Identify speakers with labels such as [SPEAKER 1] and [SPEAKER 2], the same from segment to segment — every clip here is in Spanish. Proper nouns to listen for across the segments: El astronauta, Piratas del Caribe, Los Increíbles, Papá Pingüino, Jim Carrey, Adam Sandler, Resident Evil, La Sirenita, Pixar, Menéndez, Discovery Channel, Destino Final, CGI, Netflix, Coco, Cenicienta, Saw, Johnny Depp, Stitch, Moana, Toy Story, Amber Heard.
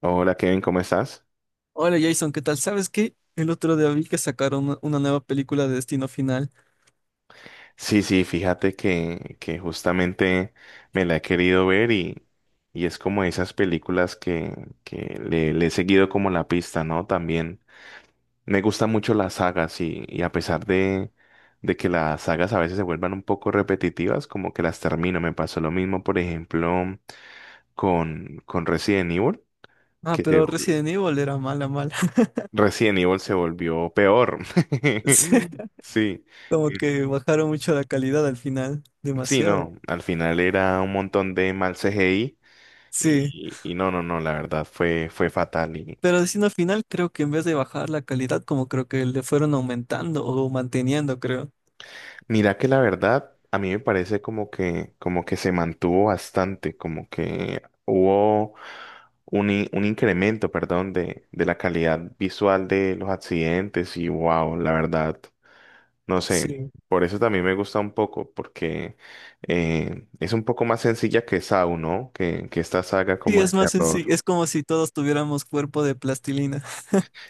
[SPEAKER 1] Hola Kevin, ¿cómo estás?
[SPEAKER 2] Hola Jason, ¿qué tal? ¿Sabes qué? El otro día vi que sacaron una nueva película de Destino Final.
[SPEAKER 1] Sí, sí, fíjate que justamente me la he querido ver y es como esas películas que le he seguido como la pista, ¿no? También me gustan mucho las sagas y a pesar de que las sagas a veces se vuelvan un poco repetitivas, como que las termino. Me pasó lo mismo, por ejemplo, con Resident Evil,
[SPEAKER 2] Ah,
[SPEAKER 1] que se,
[SPEAKER 2] pero Resident Evil era mala, mala.
[SPEAKER 1] Resident Evil se volvió peor.
[SPEAKER 2] Sí,
[SPEAKER 1] Sí.
[SPEAKER 2] como que bajaron mucho la calidad al final,
[SPEAKER 1] Sí,
[SPEAKER 2] demasiado.
[SPEAKER 1] no, al final era un montón de mal CGI
[SPEAKER 2] Sí,
[SPEAKER 1] y no, la verdad fue fatal. Y
[SPEAKER 2] pero Destino Final creo que en vez de bajar la calidad, como creo que le fueron aumentando o manteniendo, creo.
[SPEAKER 1] mira que la verdad a mí me parece como como que se mantuvo bastante, como que hubo un incremento, perdón, de la calidad visual de los accidentes y wow, la verdad, no sé,
[SPEAKER 2] Sí.
[SPEAKER 1] por eso también me gusta un poco, porque es un poco más sencilla que Saw, ¿no? Que esta saga
[SPEAKER 2] Sí,
[SPEAKER 1] como de
[SPEAKER 2] es más sencillo,
[SPEAKER 1] terror.
[SPEAKER 2] es como si todos tuviéramos cuerpo de plastilina.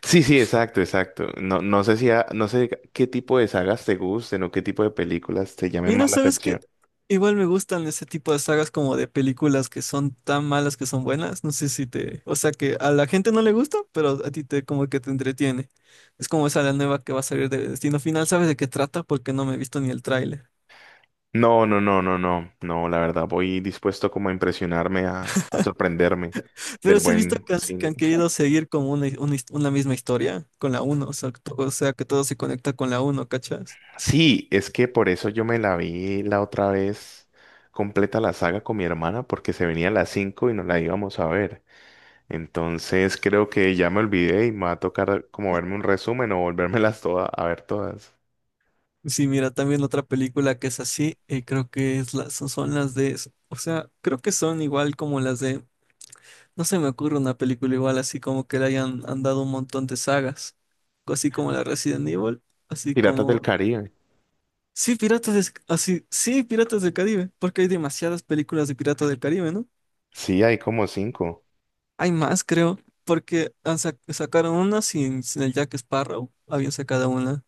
[SPEAKER 1] Sí, sí, exacto, exacto. No, no sé si ha- no sé qué tipo de sagas te gusten o qué tipo de películas te llamen
[SPEAKER 2] Mira,
[SPEAKER 1] más la
[SPEAKER 2] ¿sabes qué?
[SPEAKER 1] atención.
[SPEAKER 2] Igual me gustan ese tipo de sagas como de películas que son tan malas que son buenas. No sé si te... O sea, que a la gente no le gusta, pero a ti te como que te entretiene. Es como esa la nueva que va a salir de Destino Final. ¿Sabes de qué trata? Porque no me he visto ni el tráiler.
[SPEAKER 1] No, no, no, no, no, no, la verdad, voy dispuesto como a impresionarme, a sorprenderme del
[SPEAKER 2] Pero sí has visto
[SPEAKER 1] buen
[SPEAKER 2] que
[SPEAKER 1] cine.
[SPEAKER 2] han querido seguir como una, una misma historia con la uno. O sea, o sea, que todo se conecta con la uno. ¿Cachas?
[SPEAKER 1] Sí, es que por eso yo me la vi la otra vez completa la saga con mi hermana, porque se venía a las 5 y nos la íbamos a ver. Entonces creo que ya me olvidé y me va a tocar como verme un resumen o volvérmelas todas a ver todas.
[SPEAKER 2] Sí, mira, también otra película que es así, creo que son, son las de... O sea, creo que son igual como las de... No se me ocurre una película igual así como que le hayan han dado un montón de sagas, así como la Resident Evil, así
[SPEAKER 1] Piratas
[SPEAKER 2] como
[SPEAKER 1] del Caribe.
[SPEAKER 2] sí, Piratas de... así, sí, Piratas del Caribe, porque hay demasiadas películas de Piratas del Caribe, ¿no?
[SPEAKER 1] Sí, hay como cinco.
[SPEAKER 2] Hay más, creo, porque sacaron una sin el Jack Sparrow, habían sacado una.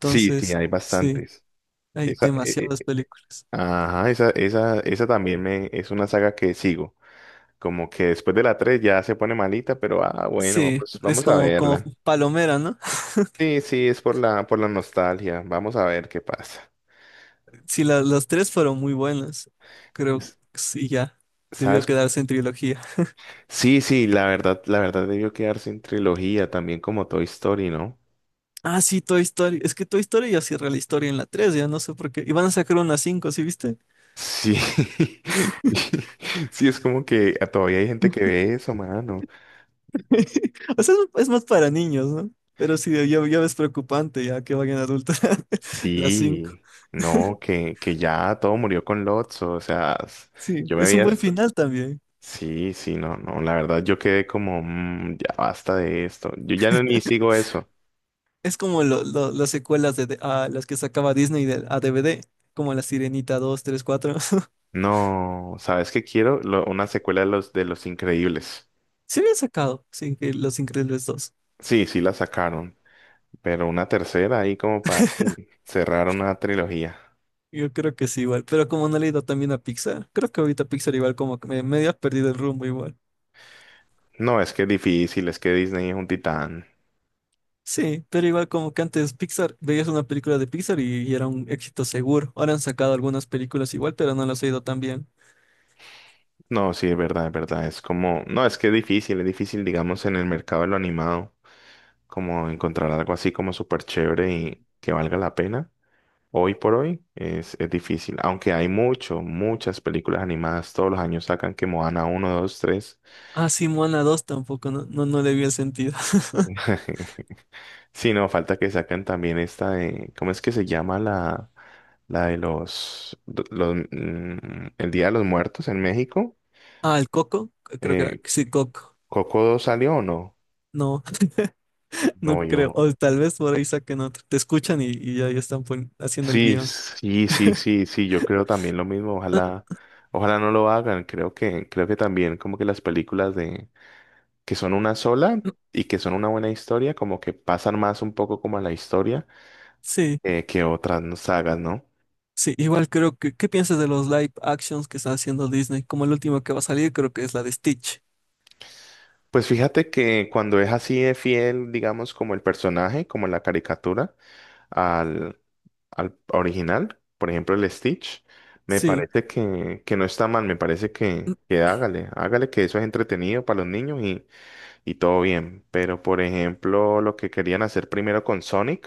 [SPEAKER 1] Sí, sí, hay
[SPEAKER 2] sí,
[SPEAKER 1] bastantes.
[SPEAKER 2] hay
[SPEAKER 1] Esa,
[SPEAKER 2] demasiadas películas.
[SPEAKER 1] ajá, Esa también es una saga que sigo. Como que después de la tres ya se pone malita, pero ah, bueno,
[SPEAKER 2] Sí,
[SPEAKER 1] pues
[SPEAKER 2] es
[SPEAKER 1] vamos a
[SPEAKER 2] como, como
[SPEAKER 1] verla.
[SPEAKER 2] palomera, ¿no?
[SPEAKER 1] Sí, sí, es por por la nostalgia. Vamos a ver qué pasa.
[SPEAKER 2] Sí, las tres fueron muy buenas. Creo
[SPEAKER 1] Es-
[SPEAKER 2] que sí, ya. Debió
[SPEAKER 1] ¿Sabes?
[SPEAKER 2] quedarse en trilogía.
[SPEAKER 1] Sí, sí, la verdad debió quedarse en trilogía también como Toy Story, ¿no?
[SPEAKER 2] Ah, sí, Toy Story. Es que Toy Story ya cierra la historia en la 3, ya no sé por qué. Y van a sacar una cinco, ¿sí viste?
[SPEAKER 1] Sí. Sí, es como que todavía hay gente que ve eso, mano.
[SPEAKER 2] O sea, es más para niños, ¿no? Pero sí, ya, ya ves preocupante ya que vayan adultos las 5.
[SPEAKER 1] Sí, no, que ya todo murió con Lotso, o sea, s-
[SPEAKER 2] Sí,
[SPEAKER 1] yo me
[SPEAKER 2] es un
[SPEAKER 1] había...
[SPEAKER 2] buen
[SPEAKER 1] est-
[SPEAKER 2] final también.
[SPEAKER 1] sí, sí, no, no, la verdad yo quedé como, "Mm, ya basta de esto, yo ya no ni sigo eso".
[SPEAKER 2] Es como las secuelas de, ah, las que sacaba Disney de- a DVD, como La Sirenita 2, 3, 4.
[SPEAKER 1] No, ¿sabes qué quiero? Una secuela de de Los Increíbles.
[SPEAKER 2] Sí habían sacado, sí, que Los Increíbles 2.
[SPEAKER 1] Sí, sí la sacaron, pero una tercera ahí como para cerrar una trilogía.
[SPEAKER 2] Yo creo que sí, igual. Pero como no le he ido también a Pixar, creo que ahorita Pixar igual como que me, medio ha perdido el rumbo igual.
[SPEAKER 1] No, es que es difícil, es que Disney es un titán.
[SPEAKER 2] Sí, pero igual como que antes Pixar, veías una película de Pixar y era un éxito seguro. Ahora han sacado algunas películas igual, pero no las he ido tan bien.
[SPEAKER 1] No, sí, es verdad, es verdad, es como, no, es que es difícil, digamos, en el mercado de lo animado, como encontrar algo así como súper chévere y que valga la pena. Hoy por hoy es difícil, aunque hay mucho, muchas películas animadas, todos los años sacan que Moana uno 2 tres.
[SPEAKER 2] Ah, sí, Moana 2 tampoco, no, no, no le vi el sentido.
[SPEAKER 1] Sí, no, falta que sacan también esta de, ¿cómo es que se llama la de los, el Día de los Muertos en México?
[SPEAKER 2] Ah, el Coco, creo que era,
[SPEAKER 1] Eh,
[SPEAKER 2] sí, Coco.
[SPEAKER 1] ¿Coco 2 salió o no?
[SPEAKER 2] No,
[SPEAKER 1] No,
[SPEAKER 2] no creo. O tal vez por ahí saquen otro. Te escuchan y ahí están haciendo el
[SPEAKER 1] sí,
[SPEAKER 2] guión.
[SPEAKER 1] sí, sí, sí, sí, yo creo también lo mismo, ojalá, ojalá no lo hagan, creo que también como que las películas que son una sola y que son una buena historia, como que pasan más un poco como a la historia,
[SPEAKER 2] Sí,
[SPEAKER 1] que otras no- sagas, ¿no?
[SPEAKER 2] sí, igual creo que, ¿qué piensas de los live actions que está haciendo Disney? Como el último que va a salir, creo que es la de Stitch.
[SPEAKER 1] Pues fíjate que cuando es así de fiel, digamos, como el personaje, como la caricatura, al, al original, por ejemplo, el Stitch, me
[SPEAKER 2] Sí,
[SPEAKER 1] parece que no está mal, me parece que hágale, hágale, que eso es entretenido para los niños y todo bien. Pero, por ejemplo, lo que querían hacer primero con Sonic,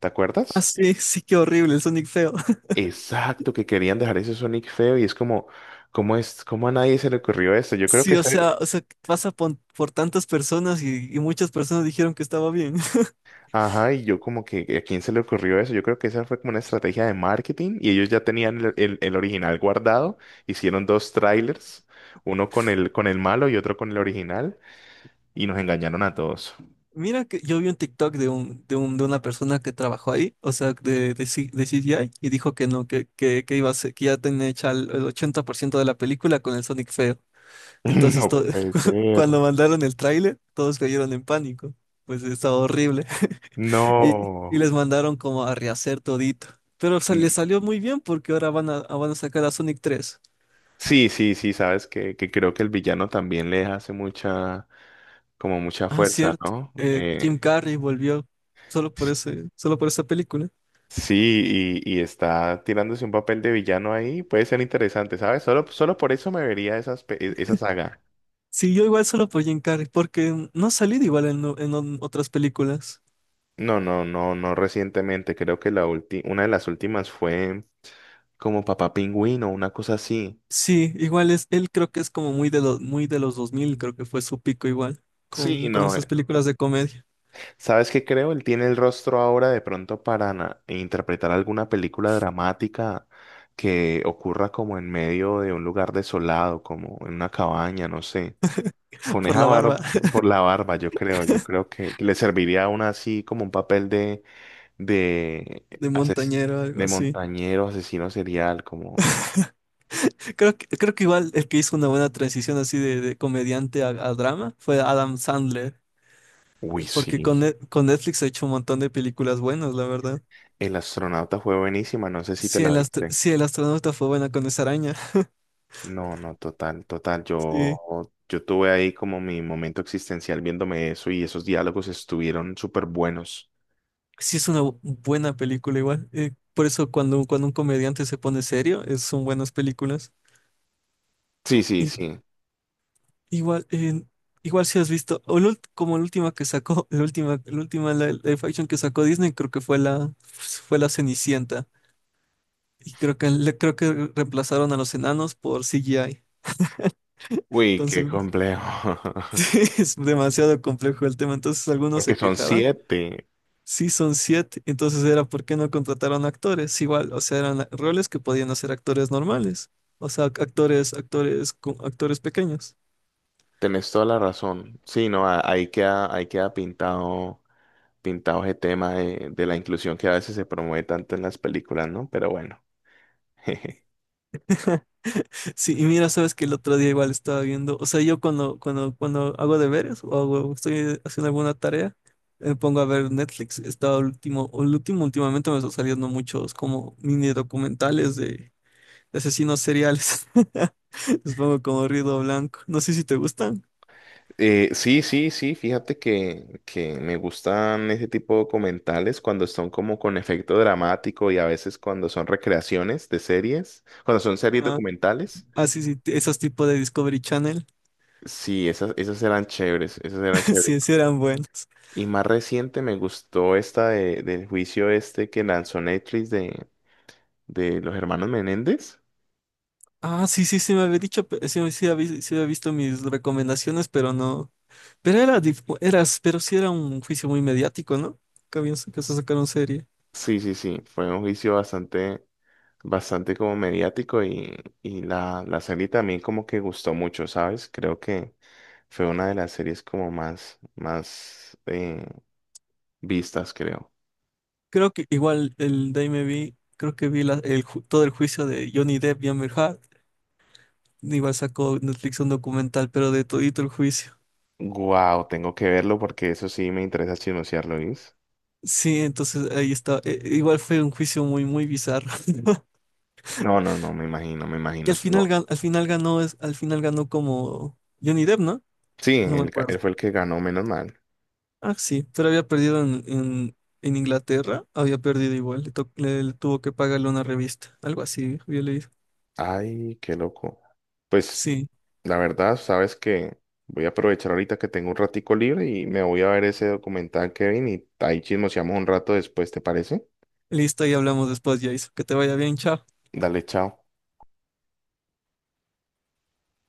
[SPEAKER 1] ¿te
[SPEAKER 2] ah,
[SPEAKER 1] acuerdas?
[SPEAKER 2] sí, sí, qué horrible, el Sonic feo.
[SPEAKER 1] Exacto, que querían dejar ese Sonic feo y es como, ¿cómo es, cómo a nadie se le ocurrió eso? Yo creo que,
[SPEAKER 2] Sí,
[SPEAKER 1] esa-
[SPEAKER 2] o sea, pasa por tantas personas y muchas personas dijeron que estaba bien.
[SPEAKER 1] Ajá, y yo como que, ¿a quién se le ocurrió eso? Yo creo que esa fue como una estrategia de marketing y ellos ya tenían el original guardado, hicieron dos trailers, uno con con el malo y otro con el original y nos engañaron a todos.
[SPEAKER 2] Mira que yo vi un TikTok de un, de un, de una persona que trabajó ahí, o sea, de de CGI, y dijo que no, que iba a que ya tenía hecha el 80% de la película con el Sonic feo. Entonces,
[SPEAKER 1] No puede ser.
[SPEAKER 2] cuando mandaron el tráiler, todos cayeron en pánico. Pues estaba horrible. Y, y
[SPEAKER 1] No.
[SPEAKER 2] les mandaron como a rehacer todito. Pero o sea, les salió muy bien porque ahora van a sacar a Sonic 3.
[SPEAKER 1] Sí, sí, sí, sabes que creo que el villano también le hace mucha, como mucha
[SPEAKER 2] Ah,
[SPEAKER 1] fuerza,
[SPEAKER 2] cierto.
[SPEAKER 1] ¿no?
[SPEAKER 2] Eh, Jim Carrey volvió solo por ese, solo por esa película.
[SPEAKER 1] Sí, y está tirándose un papel de villano ahí, puede ser interesante, ¿sabes? Solo, solo por eso me vería esa saga.
[SPEAKER 2] Sí, yo igual solo por Jim Carrey, porque no ha salido igual en, en otras películas.
[SPEAKER 1] No, no, no, no recientemente, creo que una de las últimas fue como Papá Pingüino, una cosa así.
[SPEAKER 2] Sí, igual es, él creo que es como muy de los 2000. Creo que fue su pico igual,
[SPEAKER 1] Sí,
[SPEAKER 2] con
[SPEAKER 1] no.
[SPEAKER 2] esas películas de comedia,
[SPEAKER 1] ¿Sabes qué creo? Él tiene el rostro ahora de pronto para interpretar alguna película dramática que ocurra como en medio de un lugar desolado, como en una cabaña, no sé. Con
[SPEAKER 2] por
[SPEAKER 1] esa
[SPEAKER 2] la barba
[SPEAKER 1] barba, por la barba, yo creo que le serviría a una así como un papel de,
[SPEAKER 2] de
[SPEAKER 1] ases-
[SPEAKER 2] montañero, algo
[SPEAKER 1] de
[SPEAKER 2] así.
[SPEAKER 1] montañero, asesino serial, como,
[SPEAKER 2] Creo que igual el que hizo una buena transición así de comediante a drama fue Adam Sandler,
[SPEAKER 1] uy, sí.
[SPEAKER 2] porque con, con Netflix ha hecho un montón de películas buenas, la verdad.
[SPEAKER 1] El astronauta fue buenísima, no sé si te
[SPEAKER 2] Si
[SPEAKER 1] la
[SPEAKER 2] el,
[SPEAKER 1] viste.
[SPEAKER 2] si el astronauta fue bueno con esa araña.
[SPEAKER 1] No, no, total, total.
[SPEAKER 2] Sí.
[SPEAKER 1] Yo tuve ahí como mi momento existencial viéndome eso y esos diálogos estuvieron súper buenos.
[SPEAKER 2] Sí, es una buena película igual. Por eso cuando, cuando un comediante se pone serio, son buenas películas.
[SPEAKER 1] Sí, sí,
[SPEAKER 2] Y,
[SPEAKER 1] sí.
[SPEAKER 2] igual, igual si has visto, o la como la última que sacó, la última live action que sacó Disney, creo que fue la Cenicienta. Y creo que, creo que reemplazaron a los enanos por CGI.
[SPEAKER 1] Uy, qué
[SPEAKER 2] Entonces,
[SPEAKER 1] complejo.
[SPEAKER 2] sí, es demasiado complejo el tema. Entonces algunos
[SPEAKER 1] Porque
[SPEAKER 2] se
[SPEAKER 1] son
[SPEAKER 2] quejaban.
[SPEAKER 1] siete.
[SPEAKER 2] Sí, son siete. Entonces era por qué no contrataron actores. Igual, o sea, eran roles que podían hacer actores normales. O sea, actores, actores, actores pequeños.
[SPEAKER 1] Tenés toda la razón. Sí, no, ahí queda pintado, pintado ese tema de la inclusión que a veces se promueve tanto en las películas, ¿no? Pero bueno.
[SPEAKER 2] Sí, y mira, sabes que el otro día igual estaba viendo, o sea, yo cuando, cuando, cuando hago deberes o estoy haciendo alguna tarea, me pongo a ver Netflix. Estaba el último, últimamente me están saliendo muchos como mini documentales de asesinos seriales. Les pongo como ruido blanco. No sé si te gustan.
[SPEAKER 1] Sí, sí, sí, fíjate que me gustan ese tipo de documentales cuando son como con efecto dramático y a veces cuando son recreaciones de series, cuando son series
[SPEAKER 2] Ah,
[SPEAKER 1] documentales.
[SPEAKER 2] ah, sí, sí, esos tipos de Discovery Channel.
[SPEAKER 1] Sí, esas, esas eran chéveres, esas eran chéveres.
[SPEAKER 2] Sí, sí eran buenos.
[SPEAKER 1] Y más reciente me gustó esta del juicio este que lanzó Netflix de los hermanos Menéndez.
[SPEAKER 2] Ah, sí, sí, sí me había dicho, sí, sí, sí había visto mis recomendaciones, pero no. Pero era, eras, pero sí era un juicio muy mediático, ¿no? Que habían que se
[SPEAKER 1] S-
[SPEAKER 2] sacaron serie.
[SPEAKER 1] Sí, sí, sí, fue un juicio bastante, bastante como mediático y la serie también como que gustó mucho, ¿sabes? Creo que fue una de las series como más, más vistas, creo.
[SPEAKER 2] Creo que igual el de ahí me vi, creo que vi el, todo el juicio de Johnny Depp y Amber Heard. Igual sacó Netflix un documental, pero de todito el juicio.
[SPEAKER 1] Wow, tengo que verlo porque eso sí me interesa chismosearlo, ¿viste?
[SPEAKER 2] Sí, entonces ahí está. Igual fue un juicio muy, muy bizarro.
[SPEAKER 1] No, no, no, me imagino, me
[SPEAKER 2] Y al
[SPEAKER 1] imagino.
[SPEAKER 2] final,
[SPEAKER 1] Tengo...
[SPEAKER 2] al final ganó, al final ganó como Johnny Depp, ¿no?
[SPEAKER 1] Sí,
[SPEAKER 2] No me
[SPEAKER 1] él, él
[SPEAKER 2] acuerdo.
[SPEAKER 1] fue el que ganó, menos mal.
[SPEAKER 2] Ah, sí, pero había perdido en, en Inglaterra, había perdido igual, le, le tuvo que pagarle una revista, algo así, había leído.
[SPEAKER 1] Ay, qué loco. Pues,
[SPEAKER 2] Sí,
[SPEAKER 1] la verdad, sabes que voy a aprovechar ahorita que tengo un ratico libre y me voy a ver ese documental, Kevin, y ahí chismoseamos un rato después, ¿te parece?
[SPEAKER 2] listo, y hablamos después, Jason. Que te vaya bien, chao.
[SPEAKER 1] Dale, chao.